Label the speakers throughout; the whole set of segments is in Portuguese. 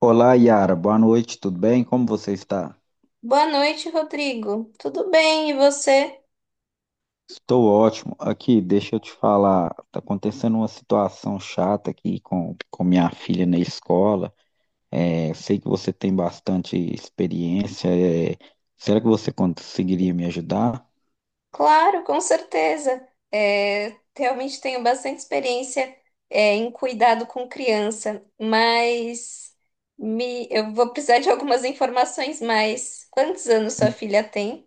Speaker 1: Olá, Yara. Boa noite, tudo bem? Como você está?
Speaker 2: Boa noite, Rodrigo. Tudo bem, e você?
Speaker 1: Estou ótimo. Aqui, deixa eu te falar. Tá acontecendo uma situação chata aqui com minha filha na escola. É, sei que você tem bastante experiência. Será que você conseguiria me ajudar?
Speaker 2: Claro, com certeza. Realmente tenho bastante experiência, em cuidado com criança, mas eu vou precisar de algumas informações mais. Quantos anos sua filha tem?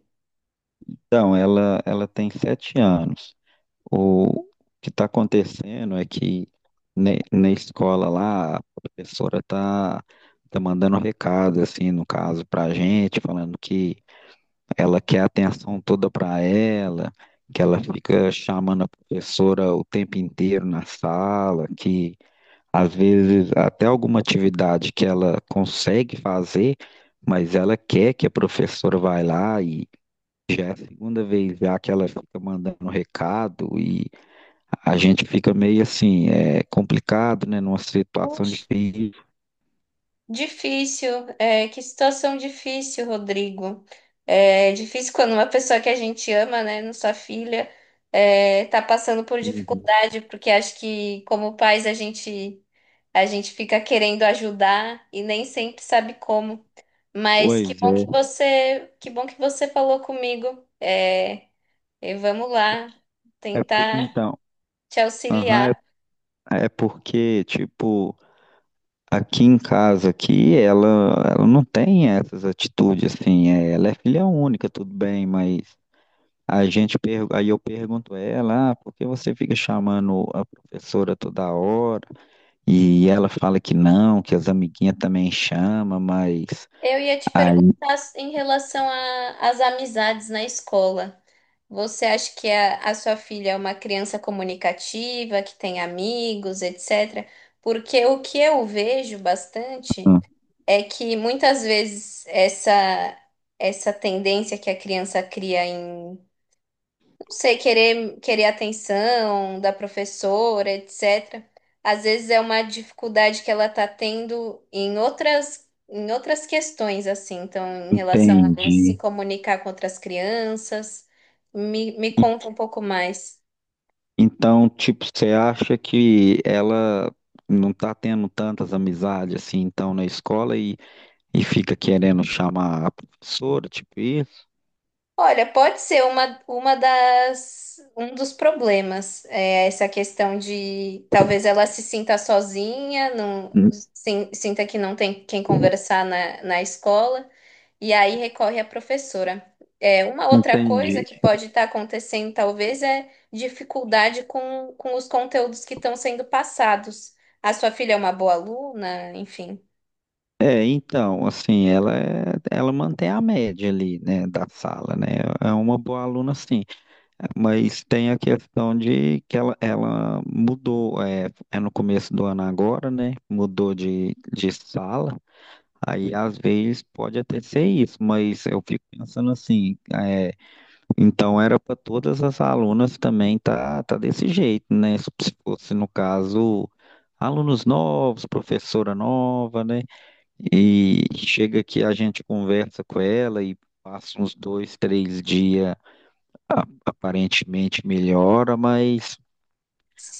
Speaker 1: Então, ela tem 7 anos. O que está acontecendo é que na escola lá, a professora tá mandando recado, assim, no caso, para a gente, falando que ela quer a atenção toda para ela, que ela fica chamando a professora o tempo inteiro na sala, que às vezes até alguma atividade que ela consegue fazer, mas ela quer que a professora vai lá e já é a segunda vez já que ela fica mandando recado, e a gente fica meio assim, é complicado, né, numa situação
Speaker 2: Puxa,
Speaker 1: difícil.
Speaker 2: difícil, que situação difícil, Rodrigo. É difícil quando uma pessoa que a gente ama, né, não sua filha, tá passando por
Speaker 1: Uhum.
Speaker 2: dificuldade, porque acho que como pais a gente fica querendo ajudar e nem sempre sabe como. Mas
Speaker 1: Pois é,
Speaker 2: que bom que você falou comigo. E vamos lá tentar
Speaker 1: então,
Speaker 2: te
Speaker 1: aham,
Speaker 2: auxiliar.
Speaker 1: é porque, tipo, aqui em casa, aqui, ela não tem essas atitudes, assim, é, ela é filha única, tudo bem, mas a gente, aí eu pergunto a ela, ah, por que você fica chamando a professora toda hora? E ela fala que não, que as amiguinhas também chamam, mas
Speaker 2: Eu ia te
Speaker 1: aí,
Speaker 2: perguntar em relação às amizades na escola. Você acha que a sua filha é uma criança comunicativa, que tem amigos, etc? Porque o que eu vejo bastante
Speaker 1: hum,
Speaker 2: é que muitas vezes essa tendência que a criança cria em, não sei, querer atenção da professora, etc. Às vezes é uma dificuldade que ela tá tendo em outras questões assim, então em relação a se
Speaker 1: entendi.
Speaker 2: comunicar com outras crianças. Me
Speaker 1: E-
Speaker 2: conta um pouco mais.
Speaker 1: Então, tipo, você acha que ela não tá tendo tantas amizades, assim, então, na escola, e fica querendo chamar a professora, tipo isso?
Speaker 2: Olha, pode ser uma das, um dos problemas, é essa questão de talvez ela se sinta sozinha, não, sinta que não tem quem conversar na escola, e aí recorre à professora. Uma outra coisa
Speaker 1: Entendi.
Speaker 2: que pode estar acontecendo, talvez, é dificuldade com os conteúdos que estão sendo passados. A sua filha é uma boa aluna, enfim.
Speaker 1: É, então, assim, ela mantém a média ali, né, da sala, né? É uma boa aluna, sim. Mas tem a questão de que ela mudou, é no começo do ano agora, né? Mudou de sala. Aí, às vezes, pode até ser isso, mas eu fico pensando assim, é, então era para todas as alunas também tá desse jeito, né? Se fosse, no caso, alunos novos, professora nova, né? E chega que a gente conversa com ela, e passa uns 2, 3 dias, aparentemente melhora, mas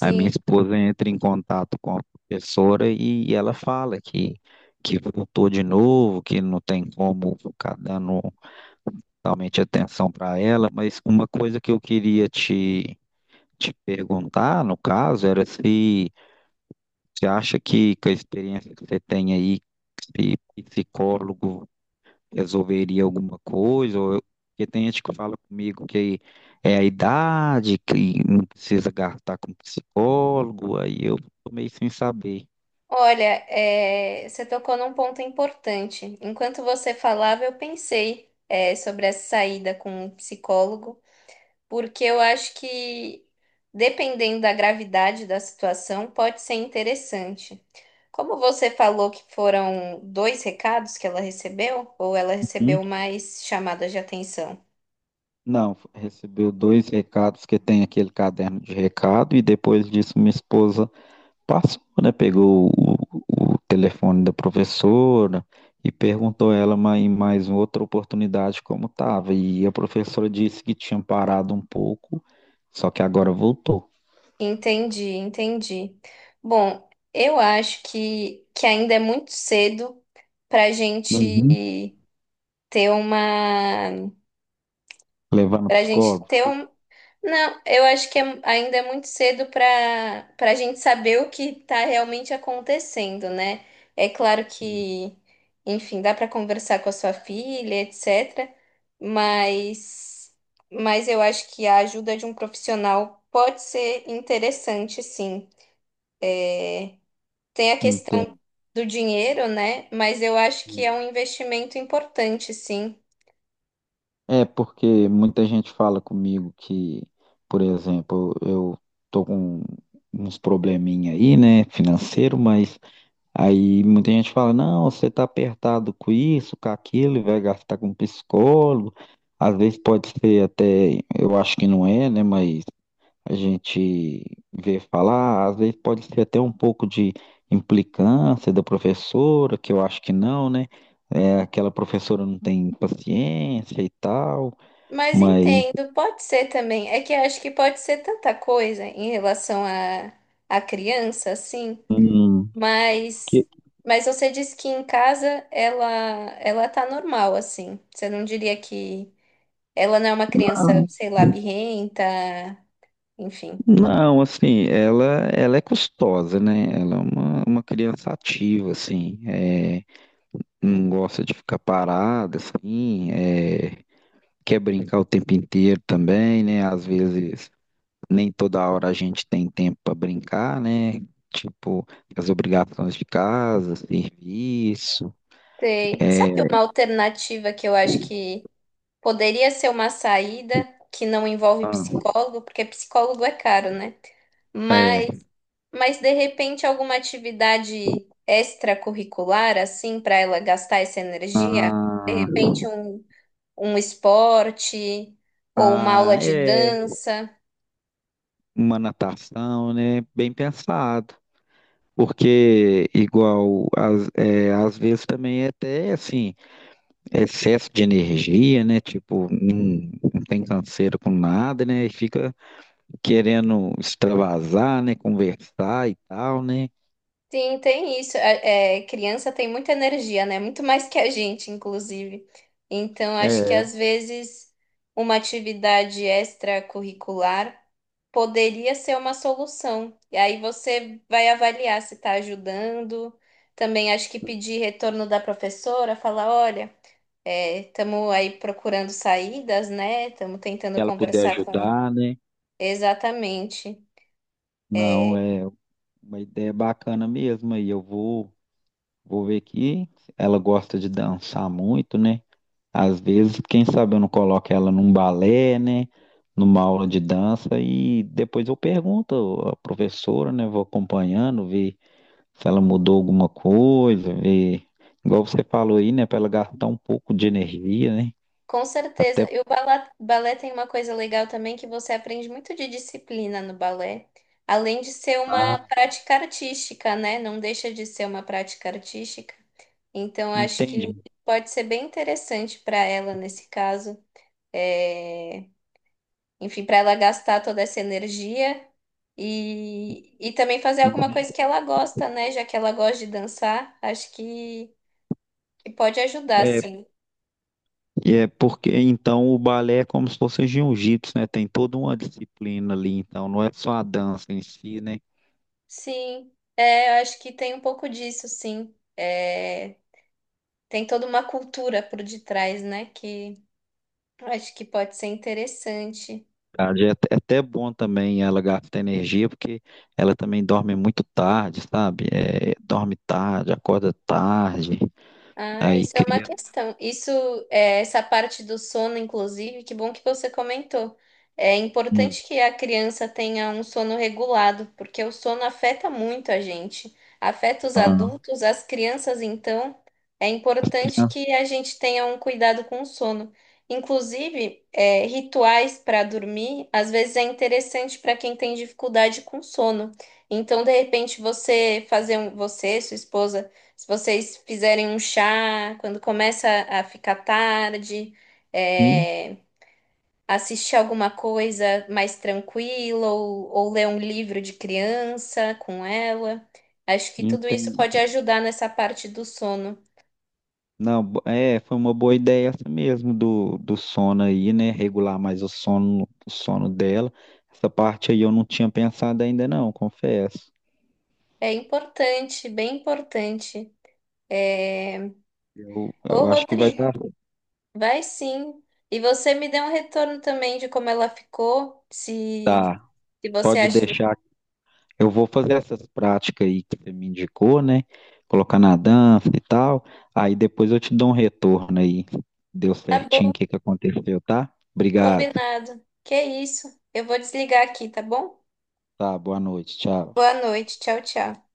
Speaker 1: a minha esposa entra em contato com a professora, e ela fala que voltou de novo, que não tem como ficar dando totalmente atenção para ela, mas uma coisa que eu queria te perguntar, no caso, era se você acha que a experiência que você tem aí, se psicólogo resolveria alguma coisa, ou eu porque tem gente que fala comigo que é a idade, que não precisa gastar com psicólogo, aí eu tô meio sem saber.
Speaker 2: Olha, é, você tocou num ponto importante. Enquanto você falava, eu pensei, sobre essa saída com o psicólogo, porque eu acho que, dependendo da gravidade da situação, pode ser interessante. Como você falou que foram dois recados que ela recebeu, ou ela
Speaker 1: Hum?
Speaker 2: recebeu mais chamadas de atenção?
Speaker 1: Não, recebeu dois recados, que tem aquele caderno de recado, e depois disso minha esposa passou, né? Pegou o telefone da professora e perguntou ela em mais uma outra oportunidade como estava. E a professora disse que tinha parado um pouco, só que agora voltou.
Speaker 2: Entendi, entendi. Bom, eu acho que ainda é muito cedo para a gente ter uma.
Speaker 1: Levar no
Speaker 2: Pra gente
Speaker 1: psicólogo?
Speaker 2: ter um. Não, eu acho que ainda é muito cedo para a gente saber o que está realmente acontecendo, né? É claro que, enfim, dá para conversar com a sua filha, etc. Mas, mas eu acho que a ajuda de um profissional pode ser interessante, sim. Tem a questão
Speaker 1: Entendo.
Speaker 2: do dinheiro, né? Mas eu acho que é um investimento importante, sim.
Speaker 1: É porque muita gente fala comigo que, por exemplo, eu tô com uns probleminha aí, né, financeiro, mas aí muita gente fala, não, você tá apertado com isso, com aquilo, e vai gastar com psicólogo. Às vezes pode ser até, eu acho que não é, né, mas a gente vê falar, às vezes pode ser até um pouco de implicância da professora, que eu acho que não, né? É, aquela professora não tem paciência e tal,
Speaker 2: Mas
Speaker 1: mas
Speaker 2: entendo, pode ser também. É que eu acho que pode ser tanta coisa em relação à criança, assim.
Speaker 1: hum,
Speaker 2: Mas,
Speaker 1: que-
Speaker 2: mas você disse que em casa ela tá normal, assim. Você não diria que ela não é uma criança,
Speaker 1: ah,
Speaker 2: sei lá, birrenta, enfim.
Speaker 1: não, assim, ela é custosa, né? Ela é uma criança ativa, assim, é, não gosta de ficar parada, assim, é, quer brincar o tempo inteiro também, né? Às vezes nem toda hora a gente tem tempo para brincar, né? Tipo, as obrigações de casa, serviço,
Speaker 2: Sei.
Speaker 1: é,
Speaker 2: Sabe uma alternativa que eu acho que poderia ser uma saída que não envolve
Speaker 1: ah,
Speaker 2: psicólogo, porque psicólogo é caro, né?
Speaker 1: é,
Speaker 2: Mas de repente alguma atividade extracurricular, assim, para ela gastar essa energia? De repente um, um esporte ou uma
Speaker 1: ah,
Speaker 2: aula de
Speaker 1: é,
Speaker 2: dança?
Speaker 1: uma natação, né? Bem pensado. Porque, igual, às vezes também é até, assim, excesso de energia, né? Tipo, não tem canseira com nada, né? E fica querendo extravasar, né? Conversar e tal, né?
Speaker 2: Sim, tem isso. Criança tem muita energia, né? Muito mais que a gente, inclusive. Então,
Speaker 1: É,
Speaker 2: acho que
Speaker 1: se
Speaker 2: às vezes uma atividade extracurricular poderia ser uma solução. E aí você vai avaliar se está ajudando. Também acho que pedir retorno da professora, falar, olha, estamos aí procurando saídas, né? Estamos tentando
Speaker 1: ela puder
Speaker 2: conversar com.
Speaker 1: ajudar, né?
Speaker 2: Exatamente.
Speaker 1: Não, é uma ideia bacana mesmo. Aí eu vou, vou ver que ela gosta de dançar muito, né? Às vezes, quem sabe eu não coloco ela num balé, né? Numa aula de dança, e depois eu pergunto à professora, né? Vou acompanhando, ver se ela mudou alguma coisa, ver. Igual você falou aí, né? Para ela gastar um pouco de energia, né?
Speaker 2: Com certeza.
Speaker 1: Até
Speaker 2: E o balé, balé tem uma coisa legal também que você aprende muito de disciplina no balé, além de ser uma
Speaker 1: ah,
Speaker 2: prática artística, né? Não deixa de ser uma prática artística. Então, acho que sim.
Speaker 1: entende.
Speaker 2: Pode ser bem interessante para ela nesse caso. É, Enfim, para ela gastar toda essa energia e também fazer alguma
Speaker 1: Uhum.
Speaker 2: coisa que ela gosta, né? Já que ela gosta de dançar, acho que pode ajudar,
Speaker 1: É,
Speaker 2: sim.
Speaker 1: e é porque então o balé é como se fosse jiu-jitsu, né? Tem toda uma disciplina ali, então não é só a dança em si, né?
Speaker 2: Sim, eu acho que tem um pouco disso, sim. É, tem toda uma cultura por detrás, né? Que eu acho que pode ser interessante.
Speaker 1: Verdade, é até é até bom também ela gastar energia, porque ela também dorme muito tarde, sabe? É, dorme tarde, acorda tarde,
Speaker 2: Ah,
Speaker 1: aí
Speaker 2: isso é uma
Speaker 1: cria.
Speaker 2: questão. Isso, essa parte do sono, inclusive, que bom que você comentou. É
Speaker 1: Hum,
Speaker 2: importante que a criança tenha um sono regulado, porque o sono afeta muito a gente. Afeta os
Speaker 1: ah,
Speaker 2: adultos, as crianças, então, é
Speaker 1: as
Speaker 2: importante
Speaker 1: crianças.
Speaker 2: que a gente tenha um cuidado com o sono. Inclusive, rituais para dormir, às vezes é interessante para quem tem dificuldade com sono. Então, de repente, você, sua esposa se vocês fizerem um chá, quando começa a ficar tarde,
Speaker 1: Hum,
Speaker 2: é, assistir alguma coisa mais tranquila ou ler um livro de criança com ela. Acho que tudo isso pode
Speaker 1: entendi.
Speaker 2: ajudar nessa parte do sono.
Speaker 1: Não, é, foi uma boa ideia essa mesmo do sono aí, né? Regular mais o sono dela. Essa parte aí eu não tinha pensado ainda, não, confesso.
Speaker 2: É importante, bem importante. É,
Speaker 1: Eu,
Speaker 2: ô
Speaker 1: eu acho que vai
Speaker 2: Rodrigo,
Speaker 1: dar.
Speaker 2: vai sim. E você me dê um retorno também de como ela ficou, se,
Speaker 1: Tá,
Speaker 2: se você
Speaker 1: pode
Speaker 2: acha que
Speaker 1: deixar. Eu vou fazer essas práticas aí que você me indicou, né? Colocar na dança e tal. Aí depois eu te dou um retorno aí. Deu
Speaker 2: tá
Speaker 1: certinho
Speaker 2: bom.
Speaker 1: o que que aconteceu, tá? Obrigado.
Speaker 2: Combinado. Que isso? Eu vou desligar aqui, tá bom?
Speaker 1: Tá, boa noite. Tchau.
Speaker 2: Boa noite. Tchau, tchau.